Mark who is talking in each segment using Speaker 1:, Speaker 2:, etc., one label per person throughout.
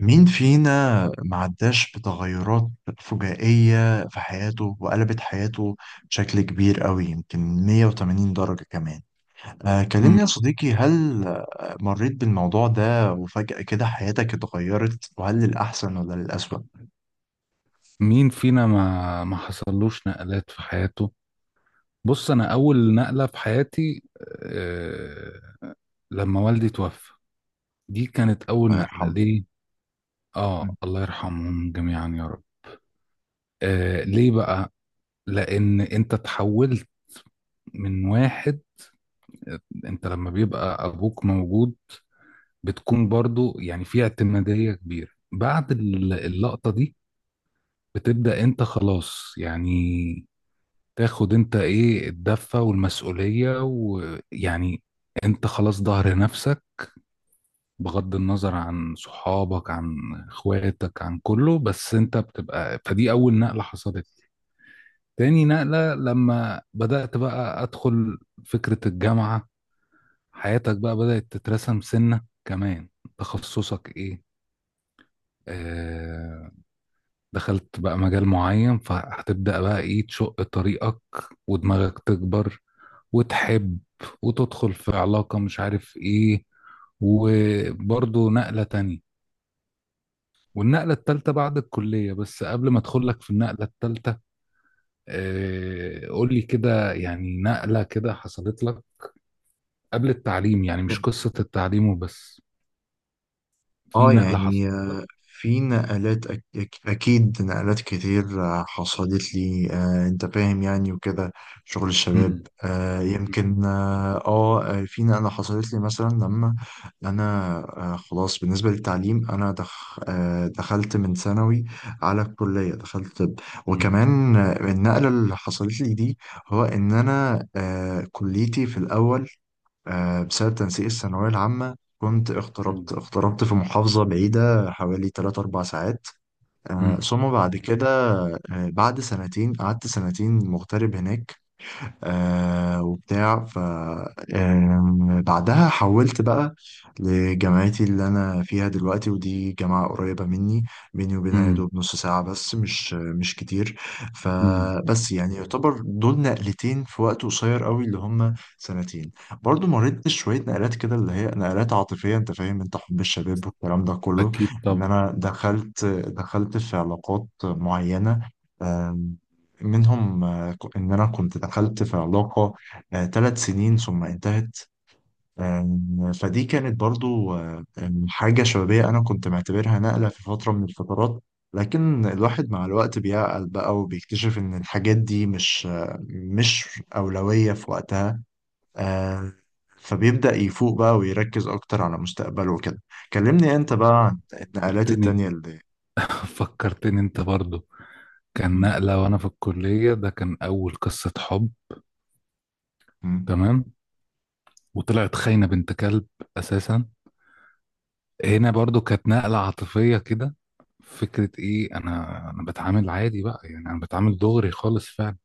Speaker 1: مين فينا معداش بتغيرات فجائية في حياته وقلبت حياته بشكل كبير قوي، يمكن 180 درجة كمان؟ آه، كلمني يا
Speaker 2: مم.
Speaker 1: صديقي، هل مريت بالموضوع ده وفجأة كده حياتك اتغيرت؟ وهل للأحسن ولا للأسوأ؟
Speaker 2: مين فينا ما حصلوش نقلات في حياته؟ بص، انا اول نقله في حياتي. آه لما والدي توفى، دي كانت اول
Speaker 1: الله
Speaker 2: نقله
Speaker 1: يرحمه.
Speaker 2: ليه. اه، الله يرحمهم جميعا يا رب. ليه بقى؟ لان انت تحولت من واحد، انت لما بيبقى ابوك موجود بتكون برضو يعني في اعتماديه كبيره. بعد اللقطه دي بتبدا انت خلاص، يعني تاخد انت ايه الدفة والمسؤولية، ويعني انت خلاص ظهر نفسك، بغض النظر عن صحابك عن اخواتك عن كله، بس انت بتبقى، فدي اول نقلة حصلت لي. تاني نقلة لما بدأت بقى ادخل فكرة الجامعة، حياتك بقى بدأت تترسم، سنة كمان تخصصك ايه. آه دخلت بقى مجال معين، فهتبدأ بقى ايه تشق طريقك، ودماغك تكبر، وتحب، وتدخل في علاقة مش عارف ايه، وبرضه نقلة تانية. والنقلة التالتة بعد الكلية، بس قبل ما ادخل لك في النقلة التالتة، قول لي كده، يعني نقلة كده حصلت لك قبل التعليم، يعني مش قصة التعليم وبس، في
Speaker 1: اه
Speaker 2: نقلة
Speaker 1: يعني
Speaker 2: حصلت لك؟
Speaker 1: في نقلات أكيد، نقلات كتير حصلت لي، أنت فاهم يعني وكده، شغل الشباب،
Speaker 2: مم. مم.
Speaker 1: يمكن. في نقلة حصلت لي مثلا لما أنا، خلاص بالنسبة للتعليم، أنا دخ... آه، دخلت من ثانوي على الكلية، دخلت طب.
Speaker 2: مم.
Speaker 1: وكمان النقلة اللي حصلت لي دي، هو إن أنا كليتي في الأول بسبب تنسيق الثانوية العامة كنت اغتربت
Speaker 2: مم.
Speaker 1: اغتربت في محافظة بعيدة حوالي 3 4 ساعات.
Speaker 2: مم.
Speaker 1: ثم بعد كده، بعد سنتين، قعدت سنتين مغترب هناك، آه وبتاع ف آم، بعدها حولت بقى لجامعتي اللي انا فيها دلوقتي، ودي جامعة قريبة مني، بيني وبينها يا
Speaker 2: مم.
Speaker 1: دوب نص ساعة بس، مش كتير.
Speaker 2: مم.
Speaker 1: فبس يعني يعتبر دول نقلتين في وقت قصير قوي، اللي هم سنتين. برضو مريت شوية نقلات كده اللي هي نقلات عاطفية، انت فاهم، انت حب الشباب والكلام ده كله،
Speaker 2: أكيد
Speaker 1: ان
Speaker 2: طبعا.
Speaker 1: انا دخلت في علاقات معينة. آم، منهم إن أنا كنت دخلت في علاقة 3 سنين ثم انتهت. فدي كانت برضو آه، آم، حاجة شبابية، أنا كنت معتبرها نقلة في فترة من الفترات. لكن الواحد مع الوقت بيعقل بقى، وبيكتشف إن الحاجات دي مش أولوية في وقتها. آه، فبيبدأ يفوق بقى ويركز أكتر على مستقبله وكده. كلمني أنت بقى عن النقلات
Speaker 2: فكرتني،
Speaker 1: التانية اللي
Speaker 2: فكرتني أنت برضو. كان
Speaker 1: م-
Speaker 2: نقلة وأنا في الكلية، ده كان أول قصة حب،
Speaker 1: م.
Speaker 2: تمام، وطلعت خاينة بنت كلب أساسا. هنا برضو كانت نقلة عاطفية كده، فكرة إيه، أنا بتعامل عادي بقى يعني، أنا بتعامل دغري خالص فعلا.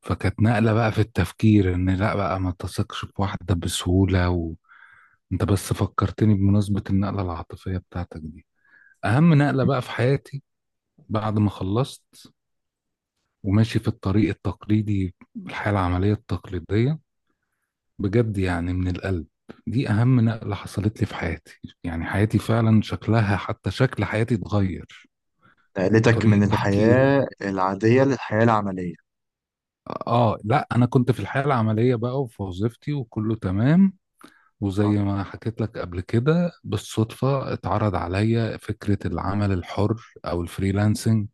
Speaker 2: فكانت نقلة بقى في التفكير إن لا بقى ما تثقش بواحدة بسهولة، وأنت. بس فكرتني بمناسبة النقلة العاطفية بتاعتك دي، أهم نقلة بقى في حياتي، بعد ما خلصت وماشي في الطريق التقليدي، الحياة العملية التقليدية، بجد يعني من القلب، دي أهم نقلة حصلت لي في حياتي، يعني حياتي فعلا شكلها، حتى شكل حياتي اتغير،
Speaker 1: نقلتك من
Speaker 2: وطريقة تفكيري.
Speaker 1: الحياة العادية للحياة العملية.
Speaker 2: لا، أنا كنت في الحياة العملية بقى، وفي وظيفتي وكله تمام،
Speaker 1: صح؟
Speaker 2: وزي ما حكيت لك قبل كده بالصدفة اتعرض عليا فكرة العمل الحر أو الفريلانسنج.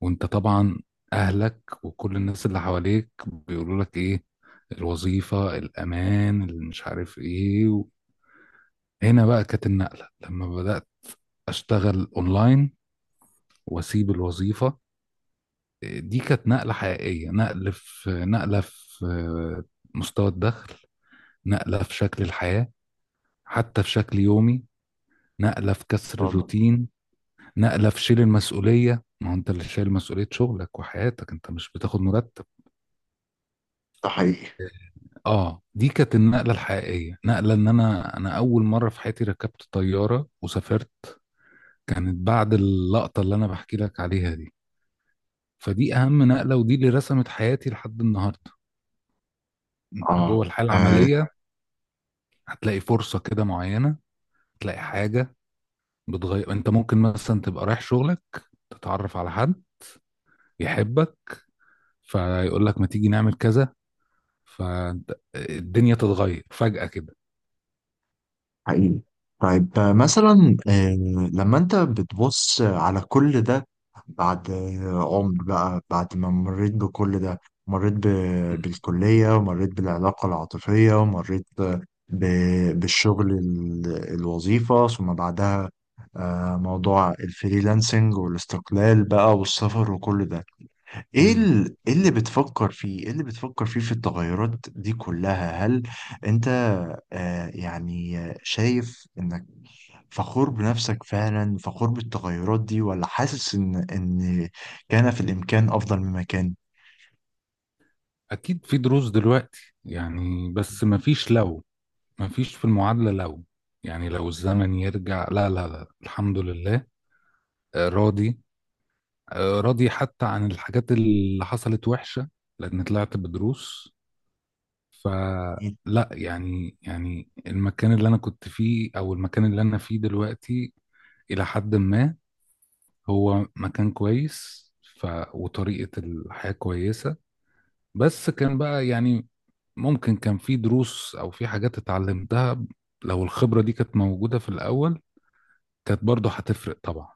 Speaker 2: وأنت طبعا، أهلك وكل الناس اللي حواليك بيقولوا لك إيه، الوظيفة الأمان اللي مش عارف إيه. هنا بقى كانت النقلة، لما بدأت أشتغل أونلاين وأسيب الوظيفة، دي كانت نقلة حقيقية، نقلة في مستوى الدخل، نقلة في شكل الحياة، حتى في شكل يومي، نقلة في كسر
Speaker 1: والله.
Speaker 2: الروتين، نقلة في شيل المسؤولية، ما هو أنت اللي شايل مسؤولية شغلك وحياتك، أنت مش بتاخد مرتب.
Speaker 1: ده حقيقي.
Speaker 2: دي كانت النقلة الحقيقية، نقلة إن أنا أول مرة في حياتي ركبت طيارة وسافرت، كانت بعد اللقطة اللي أنا بحكي لك عليها دي، فدي اهم نقله، ودي اللي رسمت حياتي لحد النهارده. انت
Speaker 1: اه،
Speaker 2: جوه الحياه
Speaker 1: آه،
Speaker 2: العمليه هتلاقي فرصه كده معينه، تلاقي حاجه بتغير، انت ممكن مثلا تبقى رايح شغلك، تتعرف على حد يحبك، فيقول لك ما تيجي نعمل كذا، فالدنيا تتغير فجأة كده.
Speaker 1: حقيقي. طيب آه، مثلا آه، لما انت بتبص على كل ده بعد عمر بقى، بعد ما مريت بكل ده، مريت
Speaker 2: مم.
Speaker 1: بالكلية، ومريت بالعلاقة العاطفية، ومريت بالشغل الوظيفة، ثم بعدها موضوع الفريلانسنج والاستقلال بقى والسفر وكل ده.
Speaker 2: مم.
Speaker 1: إيه اللي بتفكر فيه؟ ايه اللي بتفكر فيه في التغيرات دي كلها؟ هل انت يعني شايف انك فخور بنفسك فعلا، فخور بالتغيرات دي، ولا حاسس ان كان في الامكان افضل مما كان؟
Speaker 2: اكيد في دروس دلوقتي يعني، بس ما فيش لو، ما فيش في المعادلة لو، يعني لو الزمن يرجع، لا لا لا، الحمد لله. راضي، راضي حتى عن الحاجات اللي حصلت وحشة، لأن طلعت بدروس.
Speaker 1: اكيد.
Speaker 2: فلا يعني المكان اللي أنا كنت فيه أو المكان اللي أنا فيه دلوقتي إلى حد ما هو مكان كويس. ف... وطريقة الحياة كويسة. بس كان بقى يعني، ممكن كان في دروس أو في حاجات اتعلمتها، لو الخبرة دي كانت موجودة في الأول كانت برضه هتفرق طبعا،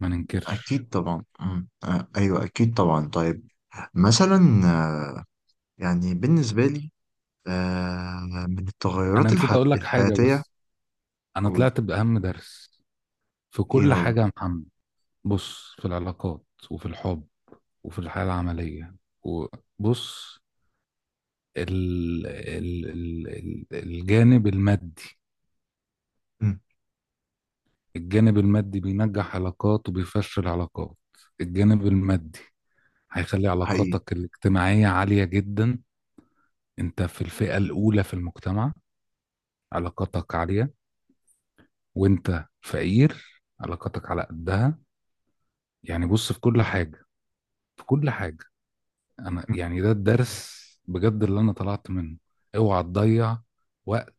Speaker 2: ما ننكرش.
Speaker 1: أكيد طبعا، أمم، آه ايوه اكيد طبعا. طيب مثلا، آه يعني بالنسبة لي، آه من
Speaker 2: أنا
Speaker 1: التغيرات
Speaker 2: نسيت أقول لك حاجة
Speaker 1: الحياتية.
Speaker 2: بس، أنا
Speaker 1: أو.
Speaker 2: طلعت بأهم درس في
Speaker 1: ايه
Speaker 2: كل
Speaker 1: هو؟
Speaker 2: حاجة يا محمد. بص، في العلاقات، وفي الحب، وفي الحياة العملية، وبص، ال ال ال ال الجانب المادي،
Speaker 1: أمم.
Speaker 2: الجانب المادي بينجح علاقات وبيفشل علاقات. الجانب المادي هيخلي
Speaker 1: حقيقي.
Speaker 2: علاقاتك الاجتماعية عالية جدا، انت في الفئة الأولى في المجتمع علاقاتك عالية، وانت فقير علاقاتك على قدها. يعني بص في كل حاجة، في كل حاجة، انا
Speaker 1: أمم.
Speaker 2: يعني ده الدرس بجد اللي انا طلعت منه. اوعى تضيع وقت،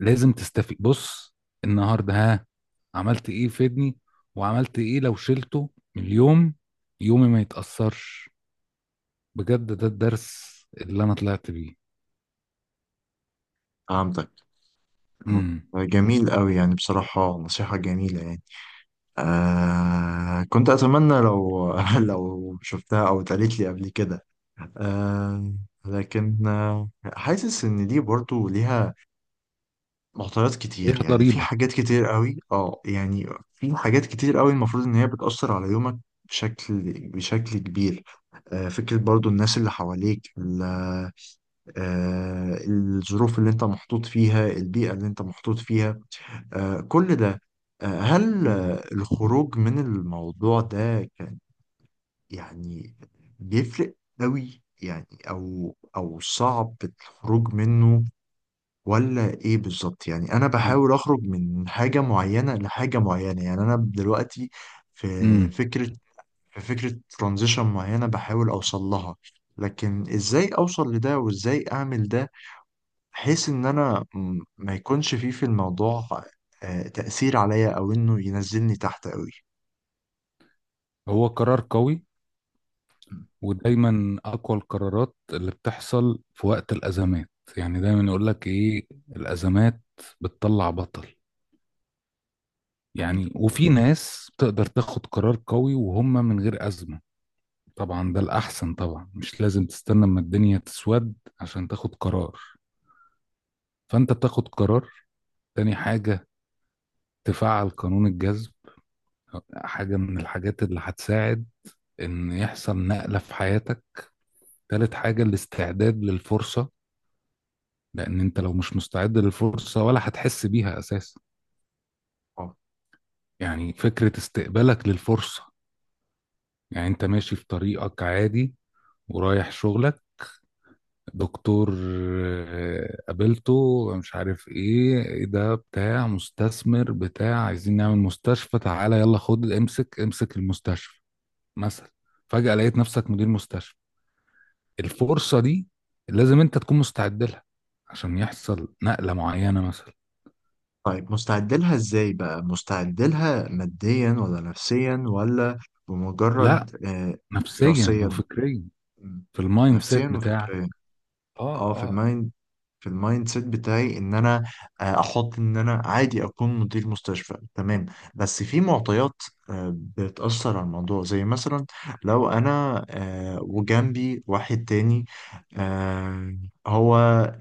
Speaker 2: لازم تستفيد. بص، النهارده، ها، عملت ايه يفيدني، وعملت ايه لو شلته من اليوم يومي ما يتأثرش، بجد ده الدرس اللي انا طلعت بيه.
Speaker 1: فهمتك. آه،
Speaker 2: امم.
Speaker 1: جميل قوي يعني، بصراحة نصيحة جميلة يعني. كنت أتمنى لو لو شفتها أو اتقالت لي قبل كده. آه لكن حاسس إن دي برضو ليها معطيات
Speaker 2: ليها
Speaker 1: كتير، يعني في
Speaker 2: ضريبة.
Speaker 1: حاجات كتير قوي يعني، في حاجات كتير قوي المفروض إن هي بتأثر على يومك بشكل بشكل كبير. فكرة برضو الناس اللي حواليك، الظروف اللي انت محطوط فيها، البيئة اللي انت محطوط فيها، كل ده. هل
Speaker 2: مم.
Speaker 1: الخروج من الموضوع ده كان يعني بيفرق قوي يعني، او صعب الخروج منه، ولا ايه بالظبط؟ يعني انا بحاول اخرج من حاجة معينة لحاجة معينة. يعني انا دلوقتي في
Speaker 2: امم.
Speaker 1: فكرة في فكرة ترانزيشن معينة بحاول اوصل لها. لكن ازاي اوصل لده، وازاي اعمل ده، بحيث ان انا ما يكونش فيه في الموضوع تأثير عليا، او انه ينزلني تحت قوي.
Speaker 2: هو قرار قوي، ودايما اقوى القرارات اللي بتحصل في وقت الازمات، يعني دايما يقول لك ايه، الازمات بتطلع بطل،
Speaker 1: امين.
Speaker 2: يعني، وفي ناس تقدر تاخد قرار قوي وهم من غير أزمة. طبعا ده الأحسن طبعا، مش لازم تستنى اما الدنيا تسود عشان تاخد قرار، فأنت بتاخد قرار. تاني حاجة، تفعل قانون الجذب، حاجة من الحاجات اللي هتساعد إن يحصل نقلة في حياتك. تالت حاجة، الاستعداد للفرصة، لأن أنت لو مش مستعد للفرصة ولا هتحس بيها أساسا،
Speaker 1: اه.
Speaker 2: يعني فكرة استقبالك للفرصة. يعني أنت ماشي في طريقك عادي، ورايح شغلك، دكتور، قابلته مش عارف ايه ده بتاع مستثمر، بتاع عايزين نعمل مستشفى، تعالى يلا خد امسك امسك المستشفى، مثلا، فجأة لقيت نفسك مدير مستشفى، الفرصة دي لازم انت تكون مستعد لها، عشان يحصل نقلة معينة مثلا.
Speaker 1: طيب، مستعد لها ازاي بقى؟ مستعد لها ماديا ولا نفسيا ولا
Speaker 2: لا،
Speaker 1: بمجرد
Speaker 2: نفسيا
Speaker 1: دراسيا؟
Speaker 2: وفكريا،
Speaker 1: م.
Speaker 2: في المايند
Speaker 1: نفسيا
Speaker 2: سيت بتاعك.
Speaker 1: وفكريا. اه،
Speaker 2: اه،
Speaker 1: في
Speaker 2: اه.
Speaker 1: المايند في المايند سيت بتاعي ان انا احط ان انا عادي اكون مدير مستشفى، تمام. بس في معطيات بتأثر على الموضوع، زي مثلا لو انا وجنبي واحد تاني، آه، هو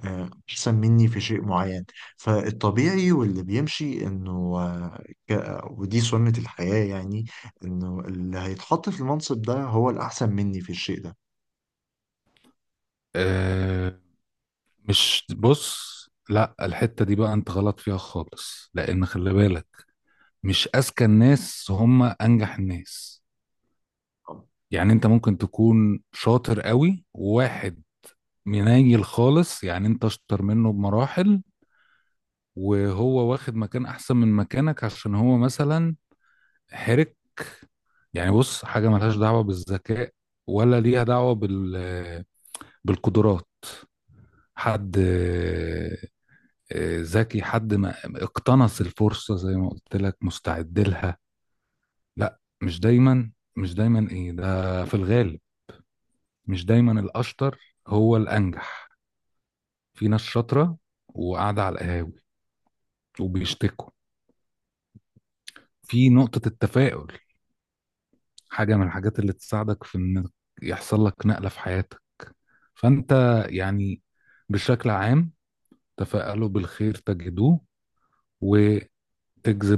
Speaker 1: احسن مني في شيء معين. فالطبيعي واللي بيمشي انه، آه، ودي سنة الحياة يعني، انه اللي هيتحط في المنصب ده هو الاحسن مني في الشيء ده.
Speaker 2: آه، مش بص، لا، الحتة دي بقى انت غلط فيها خالص، لان خلي بالك، مش اذكى الناس هم انجح الناس، يعني انت ممكن تكون شاطر قوي، وواحد منيل خالص، يعني انت اشطر منه بمراحل، وهو واخد مكان احسن من مكانك، عشان هو مثلا حرك. يعني بص، حاجة ملهاش دعوة بالذكاء، ولا ليها دعوة بالقدرات، حد ذكي، حد ما اقتنص الفرصة زي ما قلت لك، مستعد لها. لا مش دايما، مش دايما ايه ده، في الغالب مش دايما الأشطر هو الأنجح، في ناس شاطرة وقاعدة على القهاوي وبيشتكوا. في نقطة التفاؤل، حاجة من الحاجات اللي تساعدك في إن يحصل لك نقلة في حياتك، فأنت يعني بشكل عام، تفائلوا بالخير تجدوه، وتجذب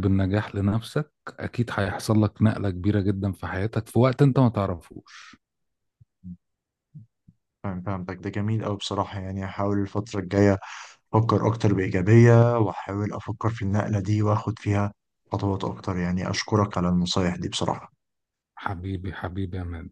Speaker 2: النجاح لنفسك، أكيد هيحصل لك نقلة كبيرة جدا في حياتك في وقت أنت ما تعرفوش.
Speaker 1: مم. فاهم، فهمتك، ده جميل أوي بصراحة. يعني هحاول الفترة الجاية أفكر أكتر بإيجابية، وأحاول أفكر في النقلة دي، وأخد فيها خطوات أكتر، يعني أشكرك على النصايح دي بصراحة.
Speaker 2: حبيبي حبيبي يا مان.